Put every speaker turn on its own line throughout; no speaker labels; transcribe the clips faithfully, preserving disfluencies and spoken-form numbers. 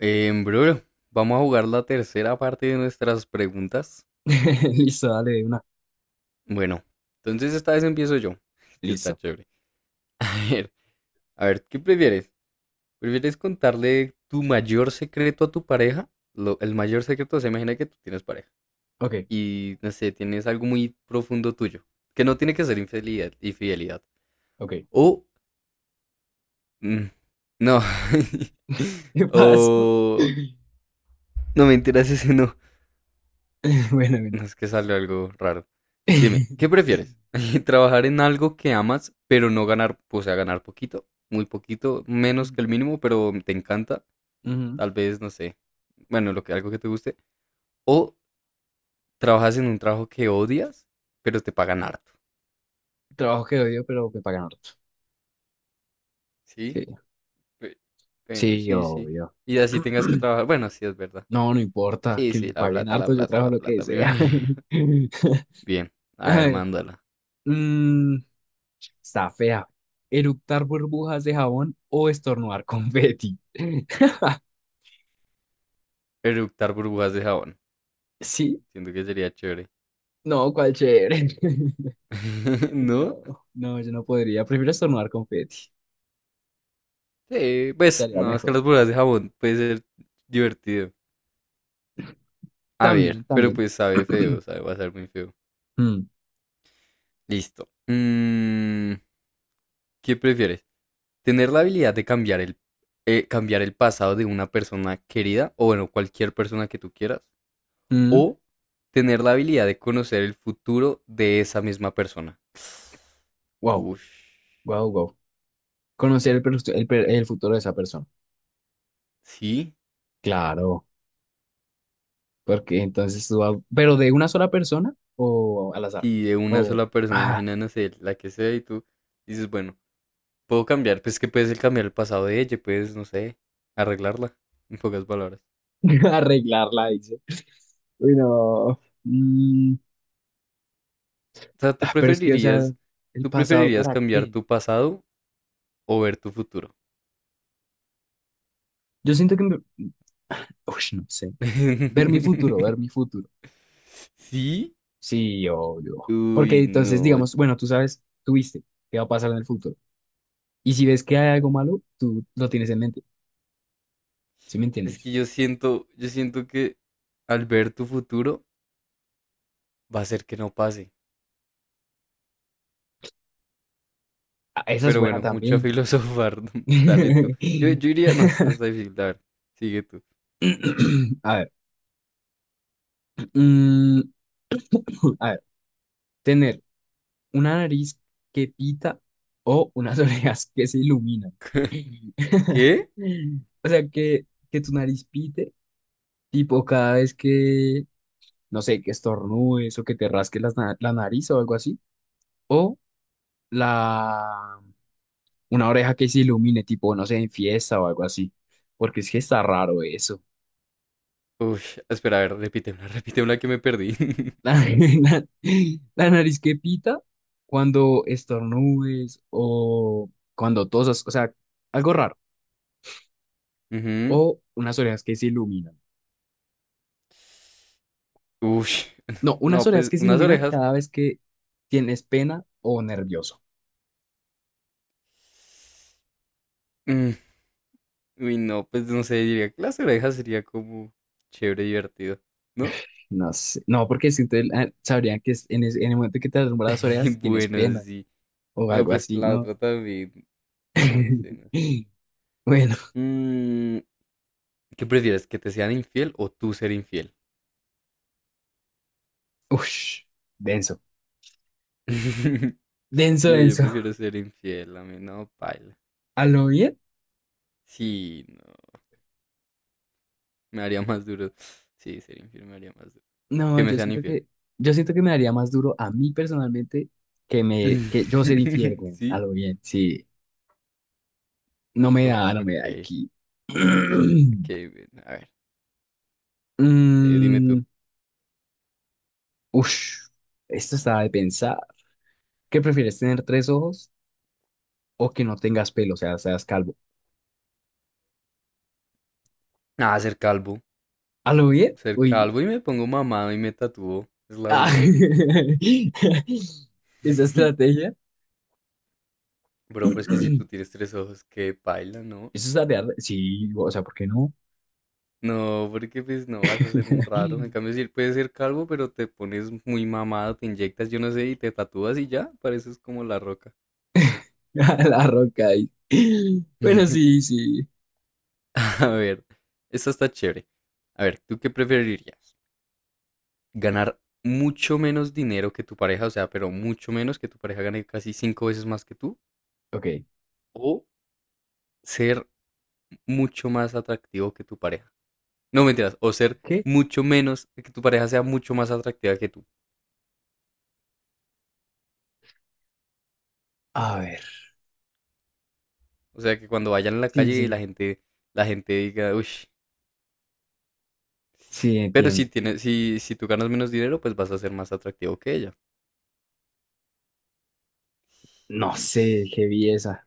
Em, bro, vamos a jugar la tercera parte de nuestras preguntas.
Listo, dale de una.
Bueno, entonces esta vez empiezo yo, que está
Listo.
chévere. A ver, a ver, ¿qué prefieres? ¿Prefieres contarle tu mayor secreto a tu pareja? Lo- el mayor secreto, se imagina que tú tienes pareja
Ok,
y, no sé, tienes algo muy profundo tuyo, que no
ok,
tiene que ser infidelidad, infidelidad.
ok.
O, mm, no,
¿Qué pasó?
o, no mentiras, ese no.
Bueno, bueno.
No, es que salió algo raro. Dime, ¿qué prefieres? ¿Trabajar en algo que amas, pero no ganar, o sea, ganar poquito, muy poquito, menos
Ujú,
que el mínimo, pero te encanta?
ujú.
Tal vez, no sé, bueno, lo que, algo que te guste. ¿O trabajas en un trabajo que odias, pero te pagan harto?
Trabajo que odio, pero que pagan harto.
¿Sí?
Sí,
Pe- Bueno,
sí,
sí, sí.
obvio.
Y así tengas que trabajar. Bueno, sí, es verdad.
No, no importa
Sí,
que
sí,
me
la
paguen
plata, la
harto, yo
plata,
trabajo
la
lo que
plata primero.
sea.
Bien, a
A
ver,
ver,
mándala.
mm, está fea. ¿Eructar burbujas de jabón o estornudar confeti?
Eructar burbujas de jabón.
Sí,
Siento que sería chévere.
no, cuál chévere.
¿No?
No, no, yo no podría. Prefiero estornudar confeti.
Sí, pues
Estaría
no, es que
mejor.
las burbujas de jabón puede ser divertido. A
También,
ver, pero
también.
pues sabe feo, sabe, va a ser muy feo.
Mm,
Listo. Mm, ¿qué prefieres? ¿Tener la habilidad de cambiar el, eh, cambiar el pasado de una persona querida, o bueno, cualquier persona que tú quieras,
mm,
o tener la habilidad de conocer el futuro de esa misma persona?
wow,
Uff,
wow, wow. Conocer el, perso- el, per- el futuro de esa persona.
sí,
Claro, porque entonces tú vas- pero de una sola persona o al azar.
sí, de una
O
sola persona,
ah,
imagina, no sé, la que sea y tú dices, bueno, puedo cambiar, pues que puedes cambiar el pasado de ella, puedes, no sé, arreglarla, en pocas palabras.
arreglarla, dice. Uy, no. Mm,
O sea, tú
ah, pero es que, o sea,
preferirías,
el
tú
pasado,
preferirías
¿para
cambiar
qué?
tu pasado o ver tu futuro.
Yo siento que, me- uy, no sé. Ver mi futuro, ver mi futuro.
¿Sí?
Sí, obvio. Porque
Uy,
entonces,
no.
digamos, bueno, tú sabes, tú viste qué va a pasar en el futuro. Y si ves que hay algo malo, tú lo tienes en mente. ¿Sí me
Es
entiendes?
que yo siento, yo siento que al ver tu futuro va a ser que no pase.
Ah, esa es
Pero
buena
bueno, mucha
también.
filosofar. Dale tú. Yo, yo iría, no, eso está difícil. A ver, sigue tú.
A ver. mm, a ver. Tener una nariz que pita o unas orejas que se iluminan.
¿Qué?
O sea, que, que tu nariz pite, tipo cada vez que, no sé, que estornudes o que te rasques las na- la, nariz o algo así. O la, una oreja que se ilumine, tipo, no sé, en fiesta o algo así. Porque es que está raro eso.
Uy, espera, a ver, repítemela, repítemela que me perdí.
La, la- la nariz que pita cuando estornudes o cuando tosas, o sea, algo raro.
Ujú,
O unas orejas que se iluminan.
uy,
No, unas
no,
orejas
pues
que se
unas
iluminan
orejas.
cada vez que tienes pena o nervioso.
mm, Uy, no, pues no sé, diría que las orejas sería como chévere, divertido, ¿no?
No sé, no, porque si ustedes ah, sabrían que es- en, ese- en el momento que te alumbran las
Y
orejas tienes
bueno,
pena
sí.
o
No,
algo
pero es que
así,
la
¿no?
otra también. No, no sé, no sé.
Bueno,
Mm, ¿Qué prefieres? ¿Que te sean infiel o tú ser infiel?
uff, denso, denso,
No, yo
denso.
prefiero ser infiel, a mí no, paila.
¿A lo bien?
Sí, no, me haría más duro. Sí, ser infiel me haría más duro.
No,
Que me
yo
sean
siento
infiel.
que, yo siento que me daría más duro a mí personalmente que me, que yo ser infiel, güey, a
¿Sí?
lo bien, sí. No me da,
Uf,
no me da
ok,
aquí.
ok, bien, a ver, eh, dime
Mm,
tú.
ush, esto está de pensar. ¿Qué prefieres, tener tres ojos o que no tengas pelo, o sea, seas calvo?
Nada, ser calvo.
¿A lo bien?
Ser
Uy,
calvo y me pongo mamado y me tatúo. Es la
ah,
única.
esa estrategia.
Bro, pero es que si tú tienes tres ojos, qué paila, ¿no?
Eso está de, arde- sí, o sea, ¿por qué no?
No, porque pues no vas a ser un raro. En cambio, si puedes ser calvo, pero te pones muy mamado, te inyectas, yo no sé, y te tatúas y ya, pareces como La Roca.
A la roca ahí. Bueno, sí, sí.
A ver, esta está chévere. A ver, ¿tú qué preferirías? ¿Ganar mucho menos dinero que tu pareja? O sea, pero mucho menos que tu pareja gane casi cinco veces más que tú.
Ok,
¿O ser mucho más atractivo que tu pareja? No mentiras, o ser
¿qué?
mucho menos, que tu pareja sea mucho más atractiva que tú.
A ver,
O sea, que cuando vayan a la
sí,
calle y la
sí,
gente, la gente diga, uy,
sí,
pero si,
entiendo.
tienes, si, si tú ganas menos dinero, pues vas a ser más atractivo que ella.
No
Y
sé, qué belleza.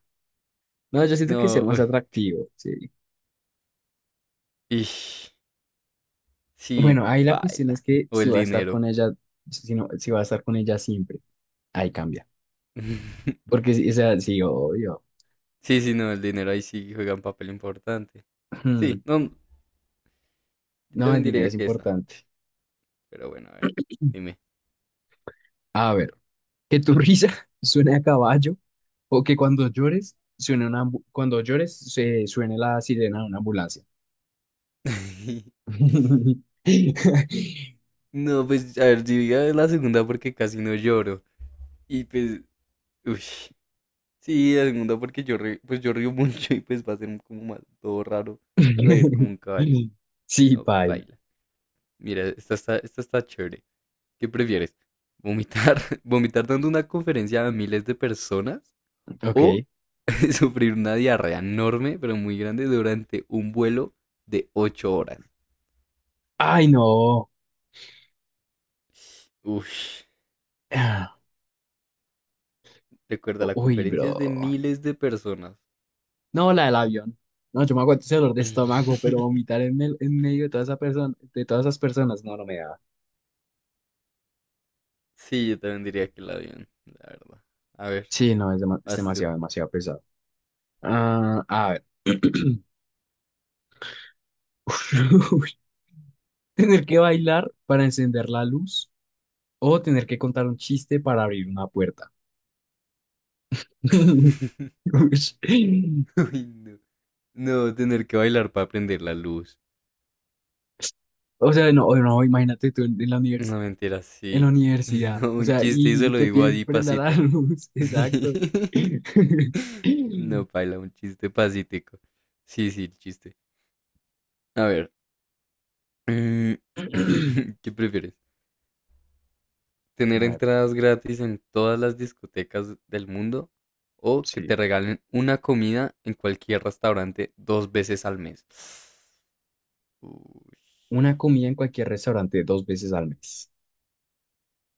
No, yo siento que ser
no,
más atractivo, sí.
y sí,
Bueno, ahí la cuestión es
baila.
que
O
si
el
va a estar
dinero.
con ella, si no, si va a estar con ella siempre, ahí cambia. Porque, sí, o sea, sí, obvio.
Sí, sí, no, el dinero ahí sí juega un papel importante. Sí,
Hmm,
no, yo
no, el
también
dinero
diría
es
que esa.
importante.
Pero bueno, a ver, dime.
A ver, que tu risa suene a caballo o que cuando llores suene una ambu- cuando llores se suene la sirena de una ambulancia.
No, pues, a ver, diría la segunda porque casi no lloro. Y pues, uy. Sí, la segunda porque yo, re- pues, yo río mucho y pues va a ser como más todo raro reír como un caballo.
Sí,
No,
paila.
baila. Mira, esta está, esta está chévere. ¿Qué prefieres? ¿Vomitar, vomitar dando una conferencia a miles de personas o
Ok.
sufrir una diarrea enorme, pero muy grande, durante un vuelo de ocho horas?
Ay, no.
Uy,
Ah,
recuerda, la
uy,
conferencia es de
bro.
miles de personas.
No, la del avión. No, yo me aguanto ese dolor de estómago, pero vomitar en, el- en medio de toda esa persona, de todas esas personas, no, no me da.
Sí, yo también diría que el avión, la verdad. A ver,
Sí, no, es, dema- es
vas tú.
demasiado, demasiado pesado. Ah, a ver. Uy, tener que bailar para encender la luz o tener que contar un chiste para abrir una puerta. Uy.
Uy, no. No, tener que bailar para prender la luz.
O sea, no, no, imagínate tú en, en la universidad.
No, mentira,
En la
sí. Sí,
universidad.
no,
O
un
sea,
chiste y se
y
lo
te
digo
piden
allí
prenda la
pasito.
luz. Exacto.
No, paila, un chiste pasítico. Sí, sí, el chiste. A ver, mm, ¿qué prefieres? ¿Tener
A ver,
entradas gratis en todas las discotecas del mundo o que
sí.
te regalen una comida en cualquier restaurante dos veces al mes? Uy.
Una comida en cualquier restaurante dos veces al mes.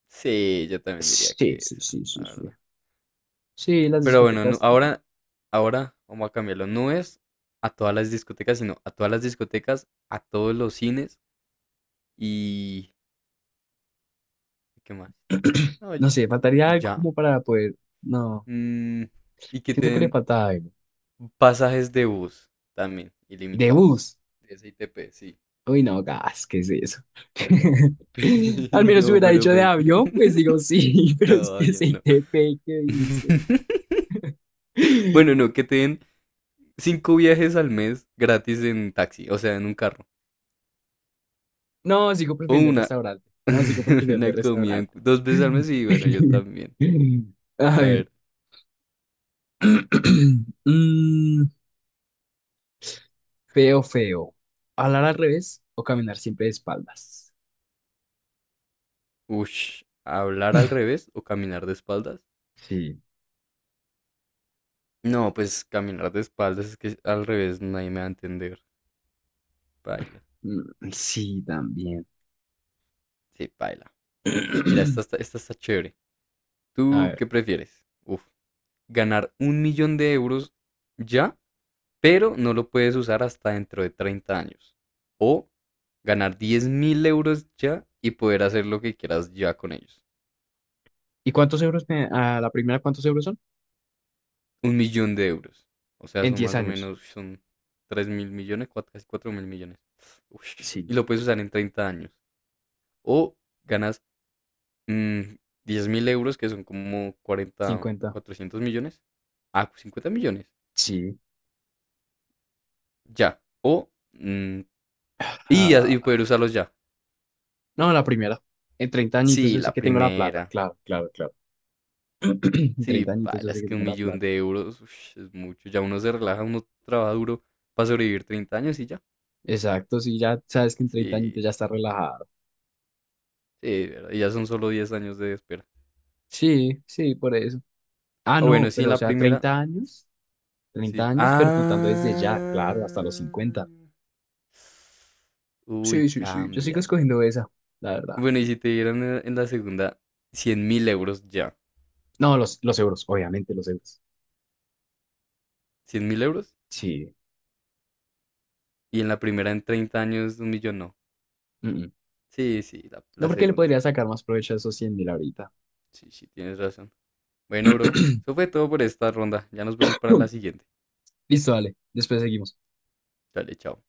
Sí, yo también diría
Sí,
que
sí,
esa,
sí,
la
sí, sí.
verdad.
Sí, las
Pero bueno, nu-
discotecas. No, no.
ahora, ahora vamos a cambiarlo. No es a todas las discotecas, sino a todas las discotecas, a todos los cines y... ¿Qué más? No,
No
y-
sé, faltaría
y
algo
ya.
como para poder. No,
Mm, y que te
siento que le
den
falta algo.
pasajes de bus también,
De
ilimitados.
bus.
De S I T P, sí.
Uy, no, gas, ¿qué es eso? Al menos si
No,
hubiera
pero
dicho de
pues.
avión, pues digo sí, pero
No,
es que
todavía
se
no.
te que dice.
Bueno, no, que te den cinco viajes al mes gratis en taxi, o sea, en un carro.
No, sigo
O
prefiriendo el
una,
restaurante. No, sigo prefiriendo el
una comida en-
restaurante.
dos veces al mes y bueno, yo también.
A
A
ver.
ver,
Mm, feo, feo. ¿Hablar al revés o caminar siempre de espaldas?
ush, ¿hablar al revés o caminar de espaldas?
Sí.
No, pues caminar de espaldas es que al revés nadie me va a entender. Paila.
Mm, sí, también.
Sí, paila. Mira, esta está, esta está chévere.
A
¿Tú
ver.
qué prefieres? Uf, ¿ganar un millón de euros ya pero no lo puedes usar hasta dentro de treinta años? O ganar diez mil euros ya y poder hacer lo que quieras ya con ellos?
¿Y cuántos euros me- a la primera cuántos euros son?
Un millón de euros. O sea,
En
son
diez
más o
años.
menos, son tres mil millones, cuatro- casi cuatro mil millones. Uy, y
Sí.
lo puedes usar en treinta años. O ganas mm, diez mil euros, que son como cuarenta
Cincuenta.
cuatrocientos millones. Ah, cincuenta millones.
Sí.
Ya. O, mm, y, y poder
Ah,
usarlos ya.
no, la primera. En treinta añitos
Sí,
yo sé
la
que tengo la plata.
primera.
Claro, claro, claro. En treinta
Sí,
añitos yo
paila,
sé
es
que
que un
tengo la
millón
plata.
de euros ush, es mucho. Ya uno se relaja, uno trabaja duro para sobrevivir treinta años y ya.
Exacto, sí, ya sabes que en treinta añitos
Sí,
ya está relajado.
sí, ¿verdad? Y ya son solo diez años de espera.
Sí, sí, por eso. Ah,
Ah, bueno,
no,
sí, en
pero o
la
sea,
primera,
treinta años, treinta
sí.
años, pero
Ah.
contando desde ya, claro, hasta los cincuenta. Sí,
Uy,
sí, sí, yo sigo
cambia.
escogiendo esa, la verdad.
Bueno, y si te dieran en en la segunda cien mil euros ya.
No, los, los euros, obviamente los euros.
cien mil euros.
Sí.
Y en la primera en treinta años un millón no.
Mm, mm.
Sí, sí, la,
No,
la
porque le
segunda.
podría sacar más provecho a esos cien mil ahorita.
Sí, sí, tienes razón. Bueno, bro, eso fue todo por esta ronda. Ya nos vemos para la siguiente.
Listo, dale, después seguimos.
Dale, chao.